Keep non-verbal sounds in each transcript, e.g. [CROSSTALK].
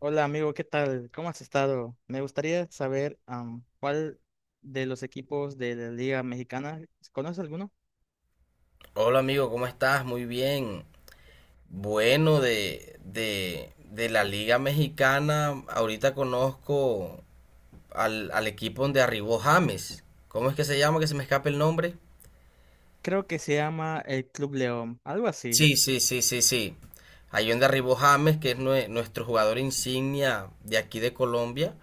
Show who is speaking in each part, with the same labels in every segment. Speaker 1: Hola amigo, ¿qué tal? ¿Cómo has estado? Me gustaría saber cuál de los equipos de la Liga Mexicana, ¿conoces alguno?
Speaker 2: Hola amigo, ¿cómo estás? Muy bien. Bueno, de la Liga Mexicana, ahorita conozco al equipo donde arribó James. ¿Cómo es que se llama? Que se me escape el nombre.
Speaker 1: Creo que se llama el Club León, algo así.
Speaker 2: Sí, sí, sí, sí, sí. Ahí donde arribó James, que es nuestro jugador insignia de aquí de Colombia.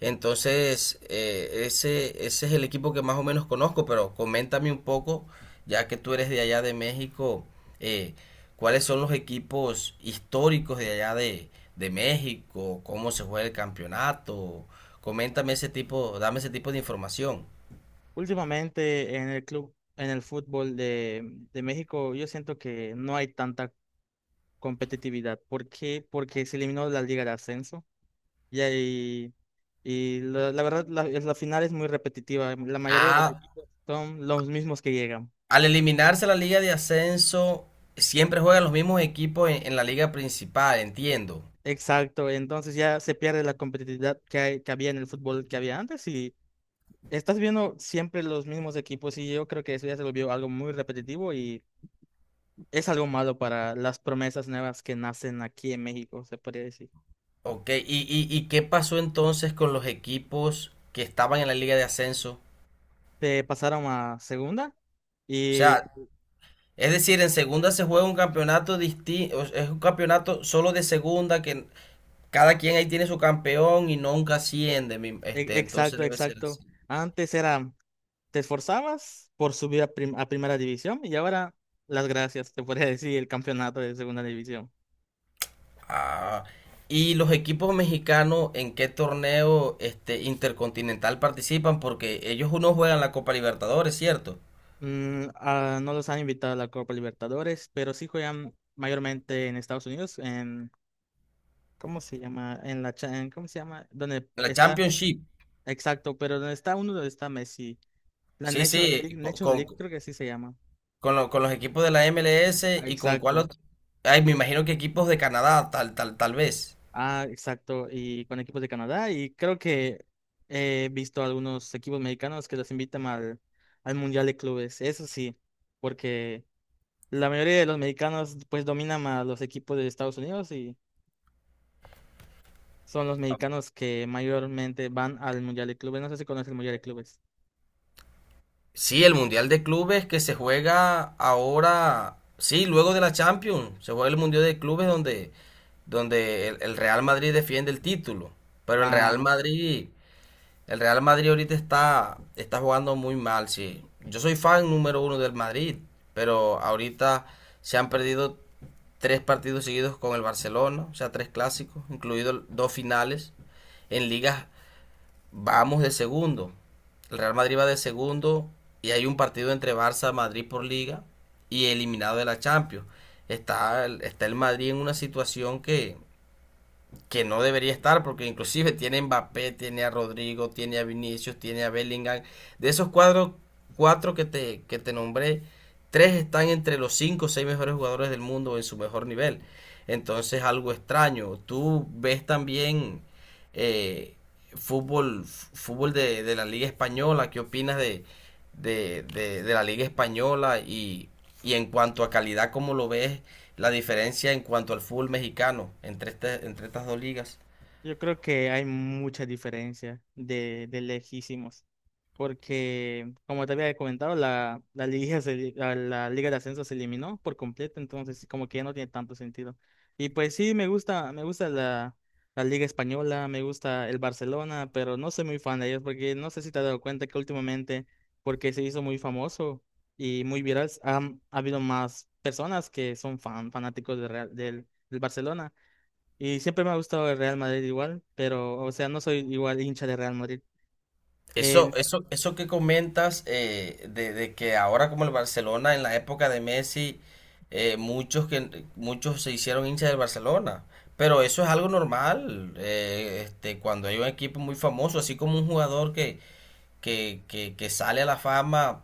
Speaker 2: Entonces, ese es el equipo que más o menos conozco, pero coméntame un poco, ya que tú eres de allá de México, eh, ¿cuáles son los equipos históricos de allá de México? ¿Cómo se juega el campeonato? Coméntame dame ese tipo de información.
Speaker 1: Últimamente en el club, en el fútbol de México, yo siento que no hay tanta competitividad. ¿Por qué? Porque se eliminó la Liga de Ascenso y, ahí- y la verdad la final es muy repetitiva. La mayoría de
Speaker 2: Ah,
Speaker 1: los equipos son los mismos que llegan.
Speaker 2: al eliminarse la liga de ascenso, siempre juegan los mismos equipos en la liga principal,
Speaker 1: E-
Speaker 2: entiendo.
Speaker 1: Exacto, entonces ya se pierde la competitividad que había en el fútbol que había antes y estás viendo siempre los mismos equipos, y yo creo que eso ya se volvió algo muy repetitivo y es algo malo para las promesas nuevas que nacen aquí en México, se podría decir.
Speaker 2: Ok, y qué pasó entonces con los equipos que estaban en la liga de ascenso?
Speaker 1: Te pasaron a segunda
Speaker 2: O
Speaker 1: y
Speaker 2: sea, es decir, en segunda se juega un campeonato distinto, es un campeonato solo de segunda que cada quien ahí tiene su campeón y nunca asciende,
Speaker 1: e-
Speaker 2: entonces
Speaker 1: exacto,
Speaker 2: debe ser
Speaker 1: exacto.
Speaker 2: así.
Speaker 1: Antes era, te esforzabas por subir a primera división, y ahora las gracias, te podría decir, el campeonato de segunda división.
Speaker 2: Ah, y los equipos mexicanos, ¿en qué torneo este intercontinental participan? Porque ellos uno juegan la Copa Libertadores, ¿cierto?
Speaker 1: No los han invitado a la Copa Libertadores, pero sí juegan mayormente en Estados Unidos, en, ¿cómo se llama? En la, cha- en- ¿Cómo se llama? Donde
Speaker 2: La
Speaker 1: está,
Speaker 2: Championship.
Speaker 1: exacto, pero donde está uno, donde está Messi. La
Speaker 2: Sí,
Speaker 1: Nations
Speaker 2: sí,
Speaker 1: League, Nations League creo que así se llama.
Speaker 2: con los equipos de la MLS
Speaker 1: Ah,
Speaker 2: y con cuál
Speaker 1: exacto.
Speaker 2: otro. Ay, me imagino que equipos de Canadá, tal vez.
Speaker 1: Ah, exacto. Y con equipos de Canadá, y creo que he visto algunos equipos mexicanos que los invitan al, al Mundial de Clubes, eso sí, porque la mayoría de los mexicanos pues dominan a los equipos de Estados Unidos, son los mexicanos que mayormente van al Mundial de Clubes. No sé si conoces el Mundial de Clubes.
Speaker 2: Sí, el Mundial de Clubes que se juega ahora, sí, luego de la Champions, se juega el Mundial de Clubes donde, donde el Real Madrid defiende el título. Pero
Speaker 1: Ah,
Speaker 2: El Real Madrid ahorita está, está jugando muy mal, sí. Yo soy fan número uno del Madrid, pero ahorita se han perdido tres partidos seguidos con el Barcelona, o sea, tres clásicos, incluidos dos finales en ligas. Vamos de segundo. El Real Madrid va de segundo y hay un partido entre Barça y Madrid por liga y eliminado de la Champions. Está, está el Madrid en una situación que no debería estar, porque inclusive tiene a Mbappé, tiene a Rodrigo, tiene a Vinicius, tiene a Bellingham. De esos cuatro que te nombré, tres están entre los cinco o seis mejores jugadores del mundo en su mejor nivel. Entonces, algo extraño. Tú ves también eh, fútbol de la Liga Española. ¿Qué opinas de la Liga Española? Y en cuanto a calidad, ¿cómo lo ves la diferencia en cuanto al fútbol mexicano entre, entre estas dos ligas?
Speaker 1: yo creo que hay mucha diferencia de lejísimos, porque como te había comentado, la, la liga de ascenso se eliminó por completo, entonces como que ya no tiene tanto sentido. Y pues sí, me gusta la liga española, me gusta el Barcelona, pero no soy muy fan de ellos porque no sé si te has dado cuenta que últimamente, porque se hizo muy famoso y muy viral, ha habido más personas que son fanáticos de del Barcelona. Y siempre me ha gustado el Real Madrid igual, pero, o sea, no soy igual hincha de Real Madrid. En-
Speaker 2: Eso que comentas de que ahora como el Barcelona en la época de Messi, muchos se hicieron hinchas del Barcelona. Pero eso es algo normal, cuando hay un equipo muy famoso, así como un jugador que sale a la fama.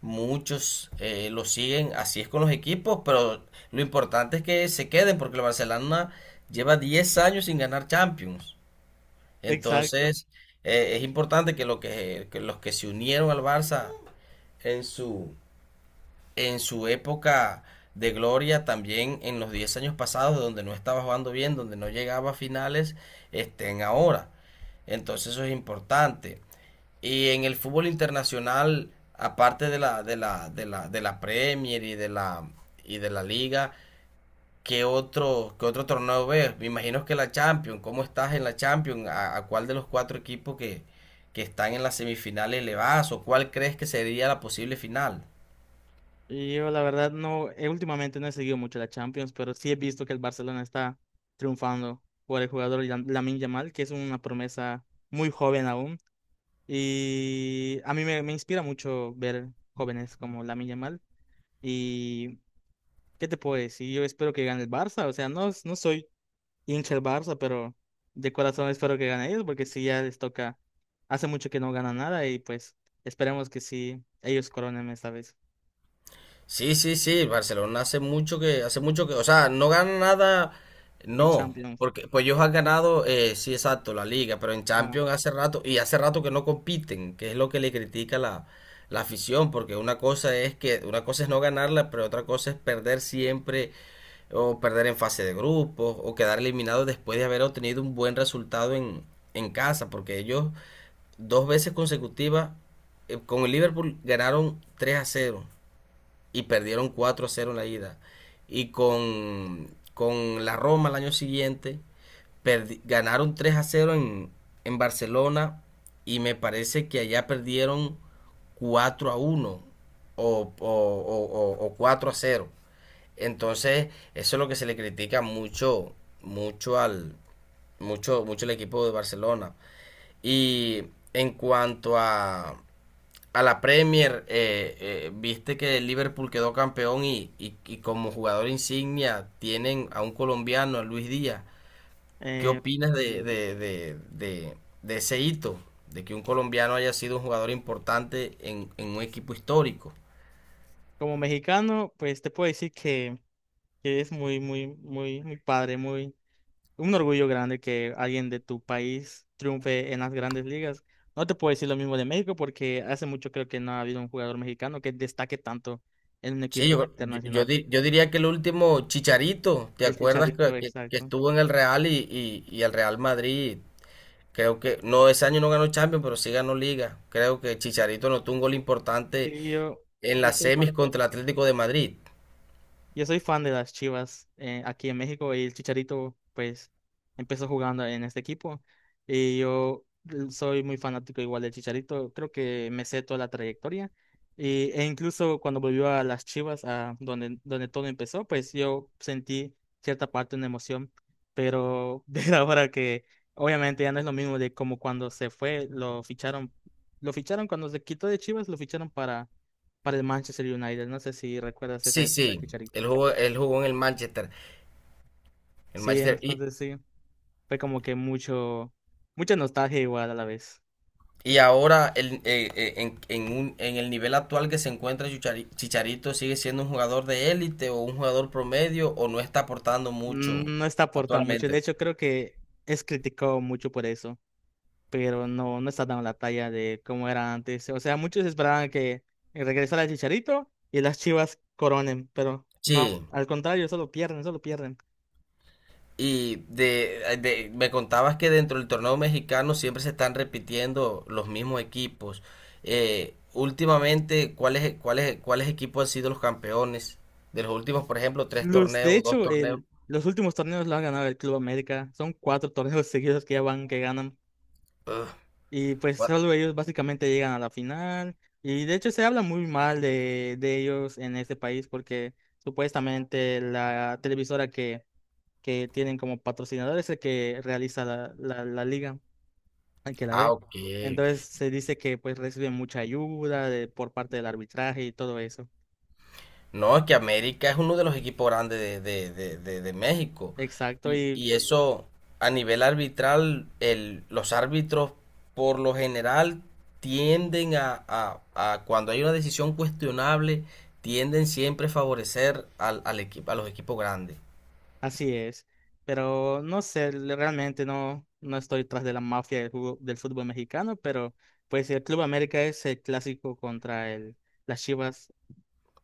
Speaker 2: Muchos lo siguen, así es con los equipos, pero lo importante es que se queden porque el Barcelona lleva 10 años sin ganar Champions.
Speaker 1: exacto.
Speaker 2: Entonces, es importante que, que los que se unieron al Barça en su, en su época de gloria, también en los 10 años pasados, donde no estaba jugando bien, donde no llegaba a finales, estén ahora. Entonces, eso es importante. Y en el fútbol internacional, aparte de la Premier y y de la Liga, qué otro torneo ves? Me imagino que la Champions. ¿Cómo estás en la Champions? A cuál de los cuatro equipos que están en las semifinales le vas? ¿O cuál crees que sería la posible final?
Speaker 1: Y yo, la verdad, no, últimamente no he seguido mucho la Champions, pero sí he visto que el Barcelona está triunfando por el jugador Lamine Yamal, que es una promesa muy joven aún. Y a mí me inspira mucho ver jóvenes como Lamine Yamal. Y, ¿qué te puedo decir? Yo espero que gane el Barça, o sea, no, no soy hincha el Barça, pero de corazón espero que gane ellos, porque sí ya les toca, hace mucho que no ganan nada y pues esperemos que sí ellos coronen esta vez
Speaker 2: Sí, Barcelona hace mucho hace mucho que, o sea, no gana nada,
Speaker 1: en
Speaker 2: no,
Speaker 1: Champions.
Speaker 2: porque pues ellos han ganado, sí, exacto, la liga, pero en
Speaker 1: Ajá.
Speaker 2: Champions hace rato, y hace rato que no compiten, que es lo que le critica la afición, porque una cosa es no ganarla, pero otra cosa es perder siempre, o perder en fase de grupos, o quedar eliminado después de haber obtenido un buen resultado en casa, porque ellos dos veces consecutivas, con el Liverpool ganaron 3 a cero y perdieron 4 a cero en la ida. Y con, con la Roma el año siguiente ganaron 3 a cero en Barcelona y me parece que allá perdieron 4 a uno o 4 a cero. Entonces, eso es lo que se le critica mucho, mucho al, mucho, mucho el equipo de Barcelona. Y en cuanto a la Premier, viste que el Liverpool quedó campeón y, y como jugador insignia tienen a un colombiano, a Luis Díaz. ¿Qué
Speaker 1: Eh,
Speaker 2: opinas
Speaker 1: mm,
Speaker 2: de ese hito? De que un colombiano haya sido un jugador importante en un equipo histórico.
Speaker 1: Como mexicano, pues te puedo decir que es muy, muy, muy, muy padre, muy, un orgullo grande que alguien de tu país triunfe en las grandes ligas. No te puedo decir lo mismo de México porque hace mucho creo que no ha habido un jugador mexicano que destaque tanto en un
Speaker 2: Sí,
Speaker 1: equipo
Speaker 2: yo
Speaker 1: internacional.
Speaker 2: yo diría que el último Chicharito, ¿te
Speaker 1: El
Speaker 2: acuerdas
Speaker 1: Chicharito,
Speaker 2: que
Speaker 1: exacto.
Speaker 2: estuvo en el Real y el Real Madrid? Creo que, no, ese año no ganó Champions, pero sí ganó Liga. Creo que Chicharito anotó un gol importante
Speaker 1: Sí,
Speaker 2: en
Speaker 1: yo
Speaker 2: las
Speaker 1: soy
Speaker 2: semis
Speaker 1: fan.
Speaker 2: contra el Atlético de Madrid.
Speaker 1: Yo soy fan de las Chivas, aquí en México, y el Chicharito pues empezó jugando en este equipo y yo soy muy fanático igual del Chicharito, creo que me sé toda la trayectoria y, e incluso cuando volvió a las Chivas, a donde, donde todo empezó, pues yo sentí cierta parte de una emoción, pero [LAUGHS] ver ahora que obviamente ya no es lo mismo de como cuando se fue, lo ficharon cuando se quitó de Chivas, lo ficharon para el Manchester United. No sé si recuerdas esa
Speaker 2: Sí,
Speaker 1: época,
Speaker 2: sí,
Speaker 1: Chicharito.
Speaker 2: él jugó en el
Speaker 1: Sí,
Speaker 2: Manchester
Speaker 1: entonces sí, fue como que mucha nostalgia igual a la vez.
Speaker 2: y ahora en el nivel actual que se encuentra Chicharito sigue siendo un jugador de élite o un jugador promedio o no está aportando mucho
Speaker 1: No está aportando mucho. De
Speaker 2: actualmente.
Speaker 1: hecho, creo que es criticado mucho por eso, pero no, no está dando la talla de cómo era antes. O sea, muchos esperaban que regresara el Chicharito y las Chivas coronen, pero
Speaker 2: Sí.
Speaker 1: no, al contrario, solo pierden, solo pierden.
Speaker 2: Y me contabas que dentro del torneo mexicano siempre se están repitiendo los mismos equipos. Últimamente, cuáles equipos han sido los campeones de los últimos, por ejemplo, tres
Speaker 1: De
Speaker 2: torneos, dos
Speaker 1: hecho,
Speaker 2: torneos?
Speaker 1: los últimos torneos lo ha ganado el Club América. Son cuatro [LAUGHS] torneos seguidos que ya van, que ganan.
Speaker 2: Ugh,
Speaker 1: Y pues
Speaker 2: what?
Speaker 1: solo ellos básicamente llegan a la final. Y de hecho se habla muy mal de ellos en este país porque supuestamente la televisora que tienen como patrocinador es el que realiza la liga, el que la
Speaker 2: Ah,
Speaker 1: ve.
Speaker 2: ok.
Speaker 1: Entonces se dice que pues reciben mucha ayuda por parte del arbitraje y todo eso.
Speaker 2: No, es que América es uno de los equipos grandes de México.
Speaker 1: Exacto. Y
Speaker 2: Y eso a nivel arbitral, los árbitros por lo general tienden a cuando hay una decisión cuestionable, tienden siempre a favorecer al equipo, a los equipos grandes.
Speaker 1: así es, pero no sé, realmente no, no estoy tras de la mafia del fútbol mexicano, pero pues el Club América es el clásico contra las Chivas,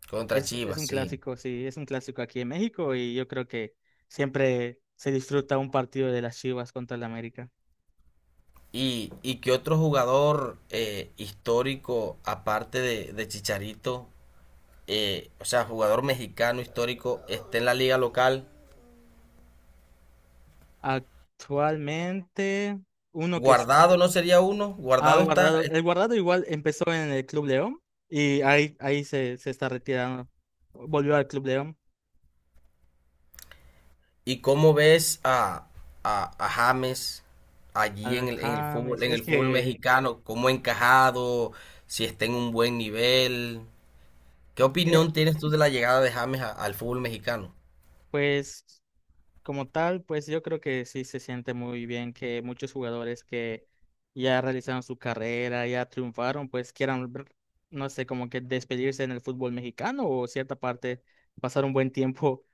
Speaker 2: Contra
Speaker 1: es
Speaker 2: Chivas,
Speaker 1: un
Speaker 2: sí.
Speaker 1: clásico, sí, es un clásico aquí en México, y yo creo que siempre se disfruta un partido de las Chivas contra el América.
Speaker 2: Y qué otro jugador histórico, aparte de Chicharito, o sea, jugador mexicano histórico, esté en la liga local?
Speaker 1: Actualmente, uno que
Speaker 2: Guardado no sería uno,
Speaker 1: ha
Speaker 2: Guardado está.
Speaker 1: guardado, el guardado igual empezó en el Club León y ahí se, se está retirando, volvió al Club León.
Speaker 2: ¿Y cómo ves a James allí
Speaker 1: Al James,
Speaker 2: en
Speaker 1: es
Speaker 2: el fútbol
Speaker 1: que,
Speaker 2: mexicano? ¿Cómo ha encajado? Si está en un buen nivel. ¿Qué
Speaker 1: Eh,
Speaker 2: opinión tienes tú de la llegada de James a- al fútbol mexicano?
Speaker 1: pues como tal, pues yo creo que sí se siente muy bien que muchos jugadores que ya realizaron su carrera, ya triunfaron, pues quieran, ver, no sé, como que despedirse en el fútbol mexicano o cierta parte, pasar un buen tiempo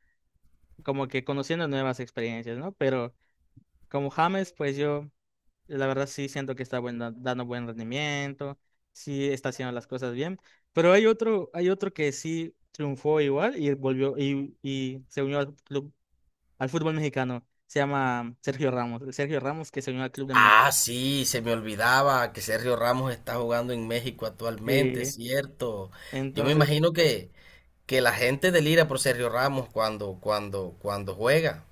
Speaker 1: [LAUGHS] como que conociendo nuevas experiencias, ¿no? Pero como James, pues yo la verdad sí siento que está dando buen rendimiento, sí está haciendo las cosas bien, pero hay otro que sí triunfó igual y volvió y se unió al club, al fútbol mexicano. Se llama Sergio Ramos. El Sergio Ramos que se unió al club de Monterrey.
Speaker 2: Ah, sí, se me olvidaba que Sergio Ramos está jugando en México actualmente, es
Speaker 1: Eh,
Speaker 2: cierto. Yo me
Speaker 1: entonces,
Speaker 2: imagino que la gente delira por Sergio Ramos cuando, cuando juega.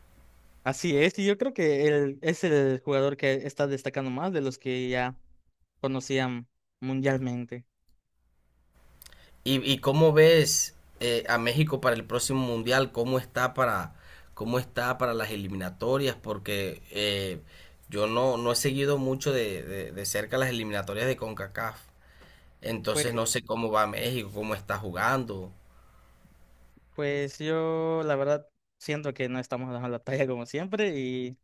Speaker 1: así es. Y yo creo que él es el jugador que está destacando más de los que ya conocían mundialmente.
Speaker 2: Y cómo ves a México para el próximo mundial? Cómo está para las eliminatorias? Porque yo no, no he seguido mucho de cerca las eliminatorias de CONCACAF. Entonces
Speaker 1: Pues,
Speaker 2: no sé cómo va México, cómo está jugando.
Speaker 1: pues yo, la verdad, siento que no estamos dando la talla como siempre. Y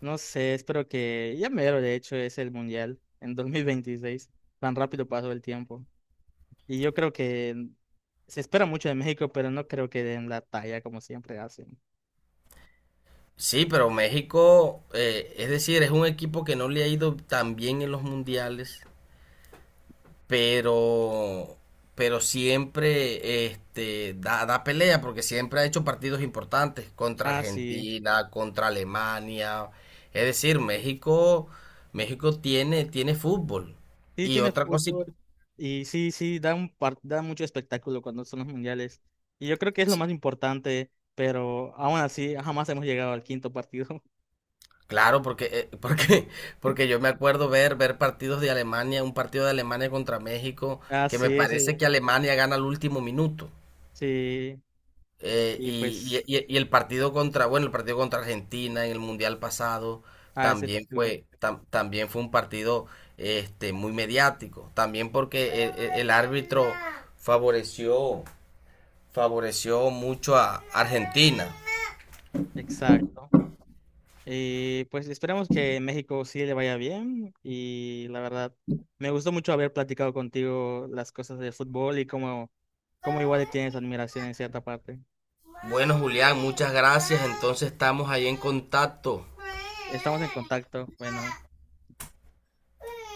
Speaker 1: no sé, espero que ya mero, de hecho, es el mundial en 2026. Tan rápido pasó el tiempo. Y yo creo que se espera mucho de México, pero no creo que den la talla como siempre hacen.
Speaker 2: Sí, pero México, es decir, es un equipo que no le ha ido tan bien en los mundiales, pero, pero siempre este, da, da pelea porque siempre ha hecho partidos importantes contra
Speaker 1: Ah, sí.
Speaker 2: Argentina, contra Alemania. Es decir, México, México tiene, tiene fútbol.
Speaker 1: Sí,
Speaker 2: Y
Speaker 1: tiene
Speaker 2: otra cosa,
Speaker 1: fútbol.
Speaker 2: y-
Speaker 1: Y sí, sí, da mucho espectáculo cuando son los mundiales. Y yo creo que es lo
Speaker 2: sí,
Speaker 1: más importante, pero aún así jamás hemos llegado al quinto partido. [LAUGHS]
Speaker 2: claro, porque, [LAUGHS] porque, porque yo me acuerdo ver, ver partidos de Alemania, un partido de Alemania contra México,
Speaker 1: Ah,
Speaker 2: que
Speaker 1: sí,
Speaker 2: me
Speaker 1: ese,
Speaker 2: parece que Alemania gana al último minuto.
Speaker 1: sí. Y pues,
Speaker 2: Y el partido contra, bueno, el partido contra Argentina en el Mundial pasado
Speaker 1: ah, ese
Speaker 2: también
Speaker 1: tú.
Speaker 2: fue, también fue un partido este, muy mediático. También porque el árbitro favoreció, favoreció mucho a Argentina.
Speaker 1: Exacto. Y pues esperemos que México sí le vaya bien. Y la verdad, me gustó mucho haber platicado contigo las cosas de fútbol y cómo, cómo igual le tienes admiración en cierta parte.
Speaker 2: Bueno, Julián, muchas gracias. Entonces estamos ahí en contacto.
Speaker 1: Estamos en contacto. Bueno.